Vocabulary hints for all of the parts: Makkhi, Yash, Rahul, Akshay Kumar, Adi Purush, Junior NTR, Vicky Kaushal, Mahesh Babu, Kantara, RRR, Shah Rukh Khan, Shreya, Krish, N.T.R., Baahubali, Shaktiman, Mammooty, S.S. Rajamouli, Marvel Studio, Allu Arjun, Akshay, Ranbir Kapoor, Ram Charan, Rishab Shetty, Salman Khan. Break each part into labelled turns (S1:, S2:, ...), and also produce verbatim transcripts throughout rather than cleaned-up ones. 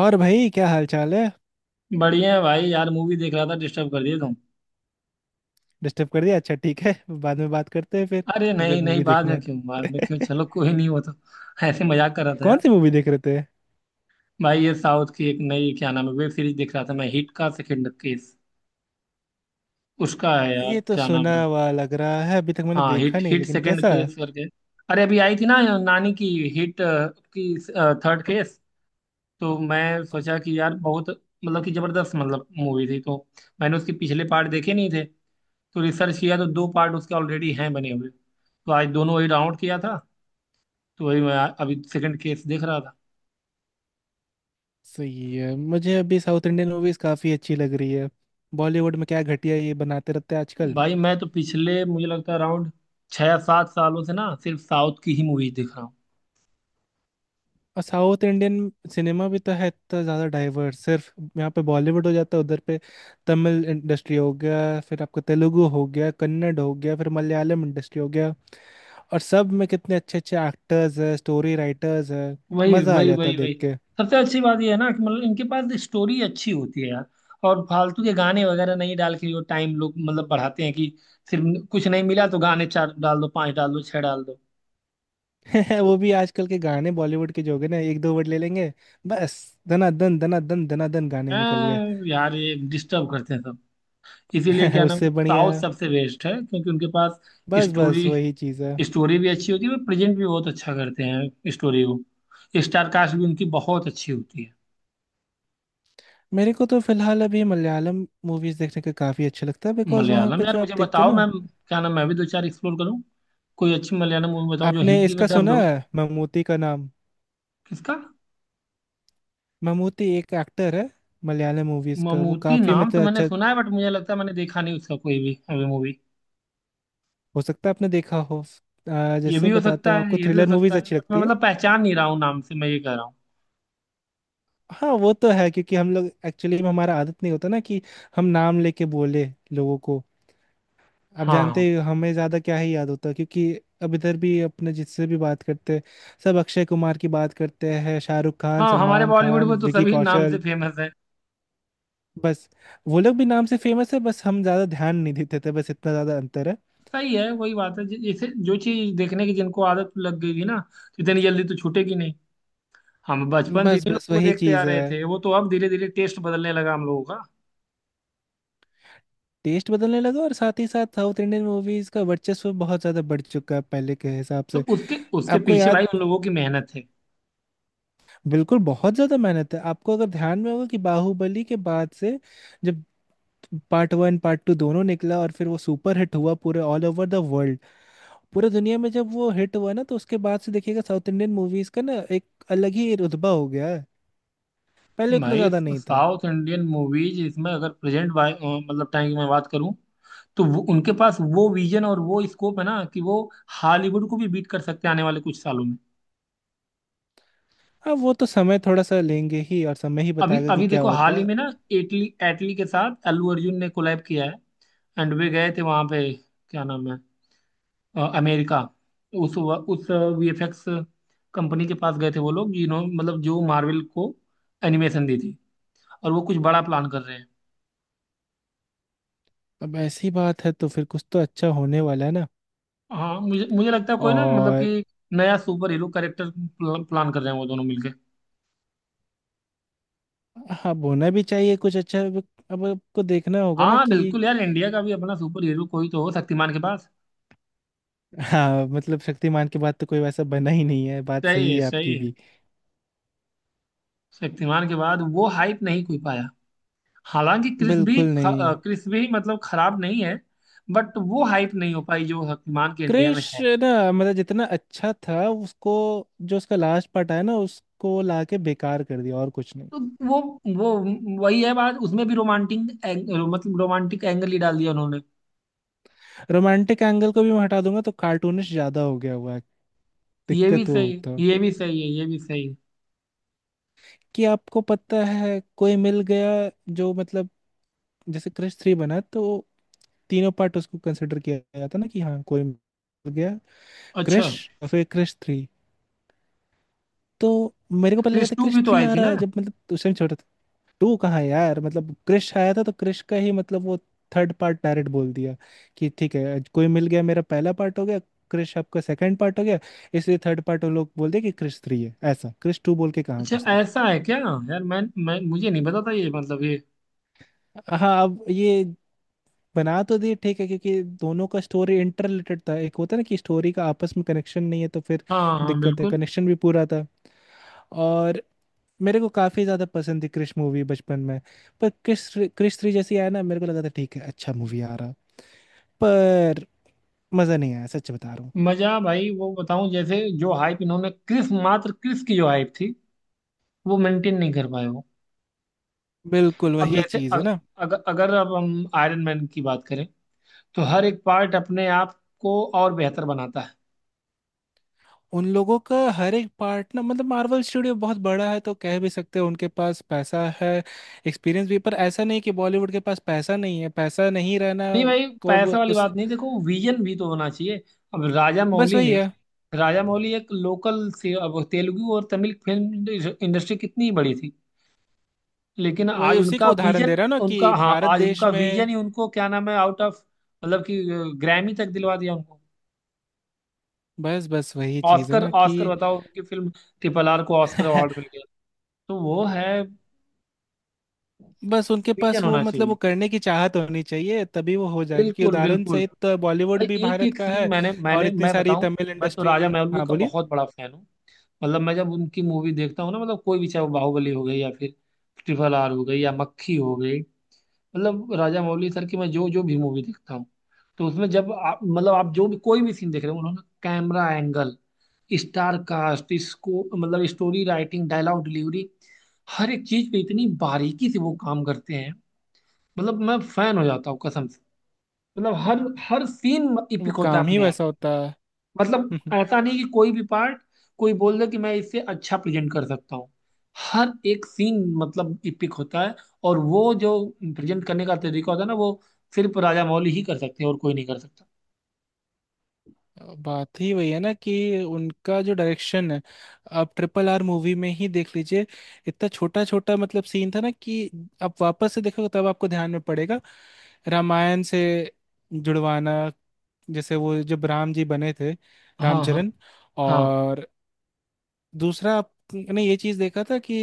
S1: और भाई क्या हाल चाल है।
S2: बढ़िया है भाई। यार मूवी देख रहा था, डिस्टर्ब कर दिया तुम।
S1: डिस्टर्ब कर दिया? अच्छा, ठीक है। बाद में बात करते हैं फिर।
S2: अरे
S1: अगर
S2: नहीं नहीं,
S1: मूवी
S2: बाद
S1: देखना
S2: में
S1: है तो।
S2: क्यों? बाद में क्यों? चलो, कोई नहीं, वो तो ऐसे मजाक कर रहा था
S1: कौन
S2: यार।
S1: सी मूवी देख रहे थे?
S2: भाई, ये साउथ की एक नई, क्या नाम है, वेब सीरीज देख रहा था मैं, हिट का सेकंड केस उसका है यार,
S1: ये तो
S2: क्या नाम
S1: सुना
S2: है?
S1: हुआ लग रहा है, अभी तक मैंने
S2: हाँ,
S1: देखा
S2: हिट
S1: नहीं,
S2: हिट
S1: लेकिन
S2: सेकंड
S1: कैसा है?
S2: केस करके। अरे अभी आई थी ना नानी की हिट अ, की थर्ड केस। तो मैं सोचा कि यार बहुत मतलब कि जबरदस्त मतलब मूवी थी, तो मैंने उसके पिछले पार्ट देखे नहीं थे। तो रिसर्च किया तो दो पार्ट उसके ऑलरेडी हैं बने हुए। तो आज दोनों ही डाउनलोड किया था। तो वही मैं अभी सेकंड केस देख रहा था।
S1: सही है, मुझे अभी साउथ इंडियन मूवीज काफी अच्छी लग रही है। बॉलीवुड में क्या घटिया ये बनाते रहते हैं आजकल।
S2: भाई मैं तो पिछले, मुझे लगता है अराउंड छह या सात सालों से ना सिर्फ साउथ की ही मूवीज देख रहा हूँ।
S1: और साउथ इंडियन सिनेमा भी तो है इतना ज़्यादा डाइवर्स। सिर्फ यहाँ पे बॉलीवुड हो जाता है, उधर पे तमिल इंडस्ट्री हो गया, फिर आपका तेलुगु हो गया, कन्नड़ हो गया, फिर मलयालम इंडस्ट्री हो गया। और सब में कितने अच्छे अच्छे एक्टर्स हैं, स्टोरी राइटर्स हैं।
S2: वही
S1: मजा आ
S2: वही
S1: जाता
S2: वही
S1: देख
S2: वही।
S1: के।
S2: सबसे अच्छी बात यह है ना कि मतलब इनके पास स्टोरी अच्छी होती है यार। और फालतू के गाने वगैरह नहीं डाल के वो टाइम लोग मतलब बढ़ाते हैं कि सिर्फ कुछ नहीं मिला तो गाने चार डाल दो, पांच डाल दो, छह डाल दो।
S1: वो भी आजकल के गाने बॉलीवुड के जो हो गए ना, एक दो वर्ड ले लेंगे बस। धनाधन धनाधन धनाधन गाने निकल
S2: हाँ, यार ये डिस्टर्ब करते हैं सब। इसीलिए
S1: गए।
S2: क्या नाम,
S1: उससे बढ़िया
S2: साउथ सबसे बेस्ट है क्योंकि उनके पास
S1: बस, बस
S2: स्टोरी,
S1: वही चीज़ है।
S2: स्टोरी भी अच्छी होती है और प्रेजेंट भी बहुत अच्छा करते हैं स्टोरी को। स्टार कास्ट भी उनकी बहुत अच्छी होती है।
S1: मेरे को तो फिलहाल अभी मलयालम मूवीज देखने का काफी अच्छा लगता है, बिकॉज वहां
S2: मलयालम,
S1: पे
S2: यार
S1: जो आप
S2: मुझे
S1: देखते
S2: बताओ,
S1: ना।
S2: मैं क्या नाम, मैं भी दो चार एक्सप्लोर करूँ, कोई अच्छी मलयालम मूवी बताओ जो
S1: आपने
S2: हिंदी में
S1: इसका
S2: डब्ड
S1: सुना
S2: हो।
S1: है ममूटी का नाम?
S2: किसका?
S1: ममूटी एक एक्टर है, मलयालम मूवीज का, वो
S2: ममूटी
S1: काफी
S2: नाम तो
S1: मतलब
S2: मैंने
S1: अच्छा।
S2: सुना है बट मुझे लगता है मैंने देखा नहीं उसका कोई भी अभी मूवी।
S1: हो सकता है आपने देखा हो। आ,
S2: ये
S1: जैसे
S2: भी हो
S1: बताता
S2: सकता
S1: हूँ,
S2: है,
S1: आपको
S2: ये भी हो
S1: थ्रिलर
S2: सकता
S1: मूवीज
S2: है,
S1: अच्छी
S2: बट मैं
S1: लगती है?
S2: मतलब पहचान नहीं रहा हूँ नाम से, मैं ये कह रहा हूँ।
S1: हाँ वो तो है, क्योंकि हम लोग एक्चुअली में हमारा आदत नहीं होता ना कि हम नाम लेके बोले लोगों को। आप
S2: हाँ
S1: जानते हैं, हमें ज्यादा क्या ही याद होता है, क्योंकि अब इधर भी अपने जिससे भी बात करते हैं, सब अक्षय कुमार की बात करते हैं, शाहरुख खान,
S2: हाँ, हमारे
S1: सलमान
S2: बॉलीवुड
S1: खान,
S2: में तो
S1: विकी
S2: सभी नाम से
S1: कौशल,
S2: फेमस है।
S1: बस। वो लोग भी नाम से फेमस है, बस हम ज्यादा ध्यान नहीं देते थे, बस इतना ज्यादा अंतर है।
S2: सही है, वही बात है, जैसे जो चीज देखने की जिनको आदत लग गई थी ना, तो इतनी जल्दी तो छूटेगी नहीं। हम बचपन से
S1: बस,
S2: इन्हीं
S1: बस
S2: लोगों को
S1: वही
S2: देखते आ
S1: चीज है।
S2: रहे थे, वो तो अब धीरे धीरे टेस्ट बदलने लगा हम लोगों का।
S1: टेस्ट बदलने लगा, और साथ ही साथ साउथ इंडियन मूवीज का वर्चस्व बहुत ज्यादा बढ़ चुका है पहले के हिसाब
S2: तो
S1: से।
S2: उसके उसके
S1: आपको
S2: पीछे भाई
S1: याद?
S2: उन लोगों की मेहनत है।
S1: बिल्कुल, बहुत ज्यादा मेहनत है। आपको अगर ध्यान में होगा कि बाहुबली के बाद से, जब पार्ट वन पार्ट टू दोनों निकला और फिर वो सुपर हिट हुआ पूरे ऑल ओवर द वर्ल्ड, पूरे दुनिया में जब वो हिट हुआ ना, तो उसके बाद से देखिएगा साउथ इंडियन मूवीज का ना एक अलग ही रुतबा हो गया है। पहले उतना
S2: भाई
S1: ज्यादा नहीं था।
S2: साउथ इंडियन मूवीज इसमें, अगर प्रेजेंट भाई अ, मतलब टाइम की मैं बात करूं, तो वो उनके पास वो विजन और वो स्कोप है ना कि वो हॉलीवुड को भी बीट कर सकते हैं आने वाले कुछ सालों में।
S1: अब वो तो समय थोड़ा सा लेंगे ही, और समय ही
S2: अभी
S1: बताएगा कि
S2: अभी
S1: क्या
S2: देखो हाल
S1: होता
S2: ही
S1: है।
S2: में ना, एटली, एटली के साथ अल्लू अर्जुन ने कोलैब किया है। एंड वे गए थे वहां पे, क्या नाम है, अ, अमेरिका। तो उस व- उस वीएफएक्स कंपनी के पास गए थे वो लोग जिन्होंने मतलब जो मार्वल को एनिमेशन दी थी। और वो कुछ बड़ा प्लान कर रहे हैं।
S1: अब ऐसी बात है तो फिर कुछ तो अच्छा होने वाला है ना।
S2: हाँ, मुझे मुझे लगता है कोई ना मतलब
S1: और
S2: कि नया सुपर हीरो कैरेक्टर प्लान कर रहे हैं वो दोनों मिलके।
S1: हाँ, बोलना भी चाहिए कुछ अच्छा अब। अब आपको देखना होगा ना
S2: हाँ
S1: कि।
S2: बिल्कुल यार, इंडिया का भी अपना सुपर हीरो कोई तो हो, शक्तिमान के पास।
S1: हाँ, मतलब शक्तिमान के बाद तो कोई वैसा बना ही नहीं है, बात
S2: सही
S1: सही
S2: है,
S1: है
S2: सही
S1: आपकी
S2: है।
S1: भी।
S2: शक्तिमान के बाद वो हाइप नहीं कोई पाया। हालांकि क्रिस भी
S1: बिल्कुल
S2: ख- अ,
S1: नहीं।
S2: क्रिस भी मतलब खराब नहीं है, बट वो हाइप नहीं हो पाई जो शक्तिमान के इंडिया में
S1: क्रिश
S2: है।
S1: ना, मतलब जितना अच्छा था उसको, जो उसका लास्ट पार्ट आया ना, उसको लाके बेकार कर दिया, और कुछ नहीं।
S2: तो वो वो वही है बात, उसमें भी रोमांटिक एंग, मतलब रोमांटिक एंगल ही डाल दिया उन्होंने।
S1: रोमांटिक एंगल को भी मैं हटा दूंगा तो कार्टूनिश ज्यादा हो गया हुआ है।
S2: ये भी
S1: दिक्कत वो
S2: सही है,
S1: होता
S2: ये भी सही है, ये भी सही है।
S1: कि आपको पता है कोई मिल गया, जो मतलब, जैसे क्रश थ्री बना तो तीनों पार्ट उसको कंसिडर किया गया था ना, कि हाँ कोई मिल गया,
S2: अच्छा,
S1: क्रश, और फिर क्रश थ्री। तो मेरे को पता लगा
S2: क्रिश
S1: था
S2: टू
S1: क्रश
S2: भी तो
S1: थ्री
S2: आई
S1: आ
S2: थी
S1: रहा
S2: ना?
S1: है, जब मतलब उस टाइम छोटा था। टू कहाँ है यार, मतलब क्रश आया था तो क्रश का ही मतलब वो थर्ड पार्ट डायरेक्ट बोल दिया कि ठीक है, आज कोई मिल गया मेरा पहला पार्ट हो गया, क्रश आपका सेकंड पार्ट हो गया, इसलिए थर्ड पार्ट वो लोग बोल दिया कि क्रश थ्री है, ऐसा क्रश टू बोल के कहाँ
S2: अच्छा,
S1: घुसता।
S2: ऐसा है क्या यार? मैं मैं मुझे नहीं पता था ये, मतलब ये।
S1: हाँ, अब ये बना तो दिए ठीक है, क्योंकि दोनों का स्टोरी इंटर रिलेटेड था। एक होता है ना कि स्टोरी का आपस में कनेक्शन नहीं है तो फिर
S2: हाँ हाँ
S1: दिक्कत है।
S2: बिल्कुल।
S1: कनेक्शन भी पूरा था, और मेरे को काफी ज्यादा पसंद थी क्रिश मूवी बचपन में। पर क्रिश, क्रिश थ्री जैसी आया ना, मेरे को लगा था ठीक है अच्छा मूवी आ रहा, पर मजा नहीं आया, सच बता रहा हूँ।
S2: मजा भाई वो बताऊं, जैसे जो हाइप इन्होंने क्रिस मात्र, क्रिस की जो हाइप थी, वो मेंटेन नहीं कर पाए वो।
S1: बिल्कुल
S2: अब
S1: वही
S2: जैसे
S1: चीज है
S2: अग,
S1: ना,
S2: अगर अगर अब हम आयरन मैन की बात करें, तो हर एक पार्ट अपने आप को और बेहतर बनाता है।
S1: उन लोगों का हर एक पार्ट ना, मतलब मार्वल स्टूडियो बहुत बड़ा है तो कह भी सकते हैं उनके पास पैसा है, एक्सपीरियंस भी, पर ऐसा नहीं कि बॉलीवुड के पास पैसा नहीं है, पैसा नहीं रहना
S2: नहीं भाई,
S1: को अब
S2: पैसा वाली
S1: उस,
S2: बात नहीं, देखो विजन भी तो होना चाहिए। अब राजा
S1: बस
S2: मौली
S1: वही
S2: ने,
S1: है,
S2: राजा मौली एक लोकल से, अब तेलुगु और तमिल फिल्म इंडस्ट्री कितनी बड़ी थी, लेकिन
S1: वही
S2: आज
S1: उसी का
S2: उनका
S1: उदाहरण दे
S2: विजन,
S1: रहा हूं ना
S2: उनका,
S1: कि
S2: हाँ,
S1: भारत
S2: आज
S1: देश
S2: उनका विजन
S1: में।
S2: ही उनको, क्या नाम है, आउट ऑफ, मतलब कि, ग्रैमी तक दिलवा दिया उनको।
S1: बस, बस वही चीज है
S2: ऑस्कर,
S1: ना
S2: ऑस्कर
S1: कि।
S2: बताओ, उनकी फिल्म ट्रिपल आर को ऑस्कर अवार्ड मिल गया। तो वो है।
S1: बस उनके
S2: विजन
S1: पास वो
S2: होना
S1: मतलब वो
S2: चाहिए,
S1: करने की चाहत होनी चाहिए, तभी वो हो जाएगी, क्योंकि
S2: बिल्कुल
S1: उदाहरण
S2: बिल्कुल।
S1: सहित बॉलीवुड
S2: भाई
S1: भी
S2: एक
S1: भारत
S2: एक
S1: का
S2: सीन
S1: है।
S2: मैंने
S1: और
S2: मैंने
S1: इतनी
S2: मैं
S1: सारी
S2: बताऊं,
S1: तमिल
S2: मैं तो
S1: इंडस्ट्री,
S2: राजा मौली
S1: हाँ
S2: का
S1: बोलिए।
S2: बहुत बड़ा फैन हूँ। मतलब मैं जब उनकी मूवी देखता हूँ ना, मतलब कोई भी, चाहे वो बाहुबली हो गई या फिर ट्रिपल आर हो गई या मक्खी हो गई, मतलब राजा मौली सर की मैं जो जो भी मूवी देखता हूँ, तो उसमें जब आप, मतलब आप जो भी कोई भी सीन देख रहे हो, उन्होंने कैमरा एंगल, स्टार कास्ट, इसको मतलब स्टोरी राइटिंग, डायलॉग डिलीवरी, हर एक चीज पे इतनी बारीकी से वो काम करते हैं। मतलब मैं फैन हो जाता हूँ कसम से। मतलब हर हर सीन
S1: वो
S2: इपिक होता है
S1: काम ही
S2: अपने आप।
S1: वैसा होता
S2: मतलब
S1: है।
S2: ऐसा नहीं कि कोई भी पार्ट कोई बोल दे कि मैं इससे अच्छा प्रेजेंट कर सकता हूँ। हर एक सीन मतलब इपिक होता है। और वो जो प्रेजेंट करने का तरीका होता है ना, वो सिर्फ राजा मौली ही कर सकते हैं, और कोई नहीं कर सकता।
S1: बात ही वही है ना कि उनका जो डायरेक्शन है। आप ट्रिपल आर मूवी में ही देख लीजिए, इतना छोटा छोटा मतलब सीन था ना कि आप वापस से देखोगे तब आपको ध्यान में पड़ेगा। रामायण से जुड़वाना, जैसे वो जब राम जी बने थे,
S2: हाँ हाँ
S1: रामचरण।
S2: हाँ
S1: और दूसरा, आपने ये चीज देखा था कि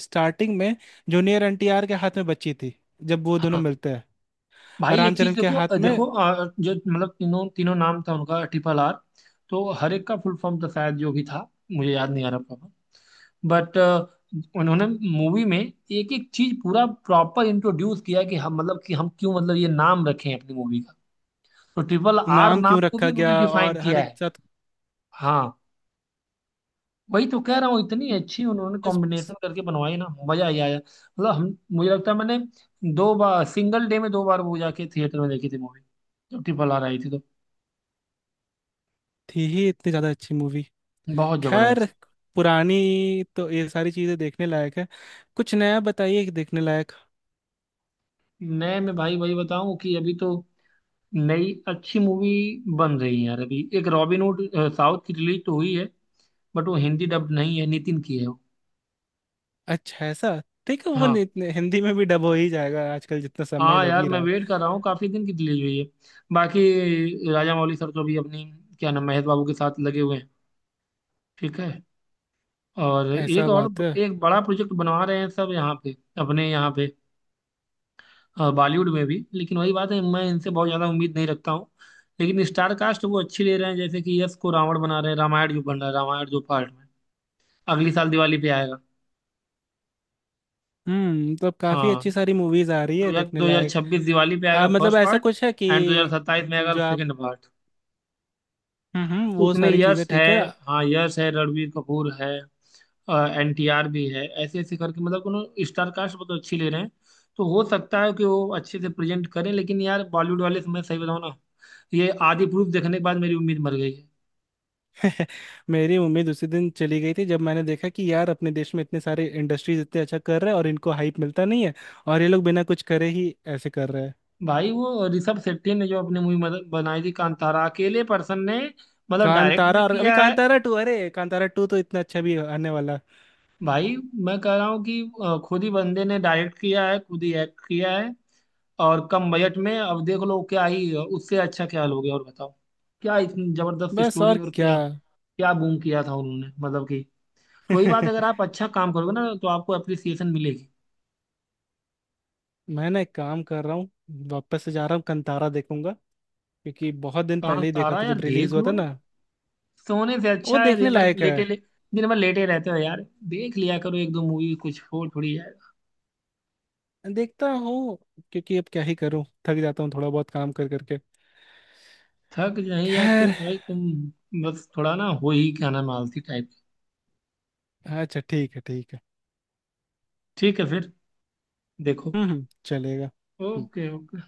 S1: स्टार्टिंग में जूनियर एनटीआर के हाथ में बच्ची थी जब वो दोनों
S2: हाँ।
S1: मिलते हैं, और
S2: भाई एक चीज
S1: रामचरण के
S2: देखो, अ,
S1: हाथ में।
S2: देखो अ, जो मतलब तीनों तीनों नाम था उनका ट्रिपल आर, तो हर एक का फुल फॉर्म था शायद जो भी था, मुझे याद नहीं आ रहा प्रॉपर, बट उन्होंने मूवी में एक एक चीज पूरा प्रॉपर इंट्रोड्यूस किया कि हम, मतलब कि हम क्यों मतलब ये नाम रखे हैं अपनी मूवी का। तो ट्रिपल आर
S1: नाम
S2: नाम
S1: क्यों
S2: को भी
S1: रखा
S2: उन्होंने
S1: गया,
S2: डिफाइन
S1: और हर
S2: किया
S1: एक
S2: है।
S1: साथ।
S2: हाँ वही तो कह रहा हूँ, इतनी अच्छी उन्होंने
S1: बस।
S2: कॉम्बिनेशन करके बनवाई ना, मजा ही आया, मतलब हम, मुझे लगता है मैंने दो बार, सिंगल डे में दो बार वो जाके थिएटर में देखी थी मूवी जब ट्रिपल आर आई थी तो।
S1: थी ही इतनी ज़्यादा अच्छी मूवी।
S2: बहुत
S1: खैर,
S2: जबरदस्त।
S1: पुरानी, तो ये सारी चीज़ें देखने लायक है। कुछ नया बताइए कि देखने लायक।
S2: नए में भाई वही बताऊं कि अभी तो नई अच्छी मूवी बन रही है यार, अभी एक रॉबिन हुड अ, साउथ की रिलीज तो हुई है, बट वो हिंदी डब नहीं है, नितिन की है वो।
S1: अच्छा, ऐसा। देखो वो
S2: हाँ
S1: नि- नि- हिंदी में भी डब हो ही जाएगा, आजकल जितना समय
S2: हाँ
S1: लग
S2: यार
S1: ही
S2: मैं
S1: रहा है।
S2: वेट कर रहा हूँ, काफी दिन की रिलीज हुई है। बाकी राजा मौली सर तो अभी अपनी, क्या नाम, महेश बाबू के साथ लगे हुए हैं। ठीक है। और एक
S1: ऐसा
S2: और
S1: बात है।
S2: एक बड़ा प्रोजेक्ट बनवा रहे हैं सब यहाँ पे, अपने यहाँ पे अ, बॉलीवुड में भी, लेकिन वही बात है, मैं इनसे बहुत ज़्यादा उम्मीद नहीं रखता हूँ। लेकिन स्टार कास्ट वो अच्छी ले रहे हैं, जैसे कि यश को रावण बना रहे हैं, रामायण जो बन रहा है, रामायण जो पार्ट में अगली साल दिवाली पे आएगा।
S1: हम्म, तो अब काफ़ी
S2: हाँ,
S1: अच्छी सारी मूवीज़ आ रही
S2: दो
S1: है
S2: हजार
S1: देखने
S2: दो हजार
S1: लायक।
S2: छब्बीस दिवाली पे
S1: आ,
S2: आएगा
S1: मतलब
S2: फर्स्ट
S1: ऐसा
S2: पार्ट।
S1: कुछ है
S2: एंड दो हजार
S1: कि
S2: सत्ताईस में आएगा
S1: जो आप।
S2: Second part.
S1: हम्म, हम्म, वो
S2: उसमें
S1: सारी चीज़ें
S2: यश है।
S1: ठीक है।
S2: हाँ यश है, रणवीर कपूर है, एनटीआर भी है, ऐसे ऐसे करके मतलब उन्होंने स्टार कास्ट बहुत अच्छी ले रहे हैं। तो हो सकता है कि वो अच्छे से प्रेजेंट करें, लेकिन यार बॉलीवुड वाले से, मैं सही बताऊँ ना, ये आदि पुरुष देखने के बाद मेरी उम्मीद मर गई है।
S1: मेरी उम्मीद उसी दिन चली गई थी, जब मैंने देखा कि यार अपने देश में इतने सारे इंडस्ट्रीज इतने अच्छा कर रहे हैं और इनको हाइप मिलता नहीं है, और ये लोग बिना कुछ करे ही ऐसे कर रहे हैं।
S2: भाई वो ऋषभ शेट्टी ने जो अपनी मूवी बनाई थी कांतारा, अकेले पर्सन ने, मतलब डायरेक्ट
S1: कांतारा,
S2: भी
S1: और अभी
S2: किया है।
S1: कांतारा टू, अरे कांतारा टू तो इतना अच्छा भी आने वाला।
S2: भाई मैं कह रहा हूँ कि अ, खुद ही बंदे ने डायरेक्ट किया है, खुद ही एक्ट किया है। और कम बजट में, अब देख लो क्या ही उससे अच्छा, क्या लोगे और बताओ? क्या इतनी जबरदस्त
S1: बस,
S2: स्टोरी,
S1: और
S2: और
S1: क्या।
S2: क्या क्या बूम किया था उन्होंने, मतलब कि, कोई बात, अगर आप अच्छा काम करोगे ना तो आपको अप्रिसिएशन मिलेगी।
S1: मैं ना एक काम कर रहा हूँ, वापस से जा रहा हूँ कांतारा देखूंगा, क्योंकि बहुत दिन
S2: काम
S1: पहले ही देखा
S2: सारा
S1: था
S2: यार
S1: जब रिलीज
S2: देख
S1: हुआ था
S2: लो,
S1: ना।
S2: सोने से
S1: वो
S2: अच्छा है दे-
S1: देखने
S2: मतलब
S1: लायक है।
S2: लेटे ले। दिन भर लेटे रहते हो यार, देख लिया करो एक दो मूवी कुछ, हो थोड़ी यार,
S1: देखता हूँ, क्योंकि अब क्या ही करूँ, थक जाता हूँ थोड़ा बहुत काम कर करके।
S2: थक नहीं जाते हो
S1: खैर।
S2: भाई तुम? बस थोड़ा ना हो ही, क्या नाम, आलसी टाइप।
S1: अच्छा ठीक है, ठीक है।
S2: ठीक है फिर, देखो।
S1: हम्म, हम्म, चलेगा। हम्म।
S2: Okay okay.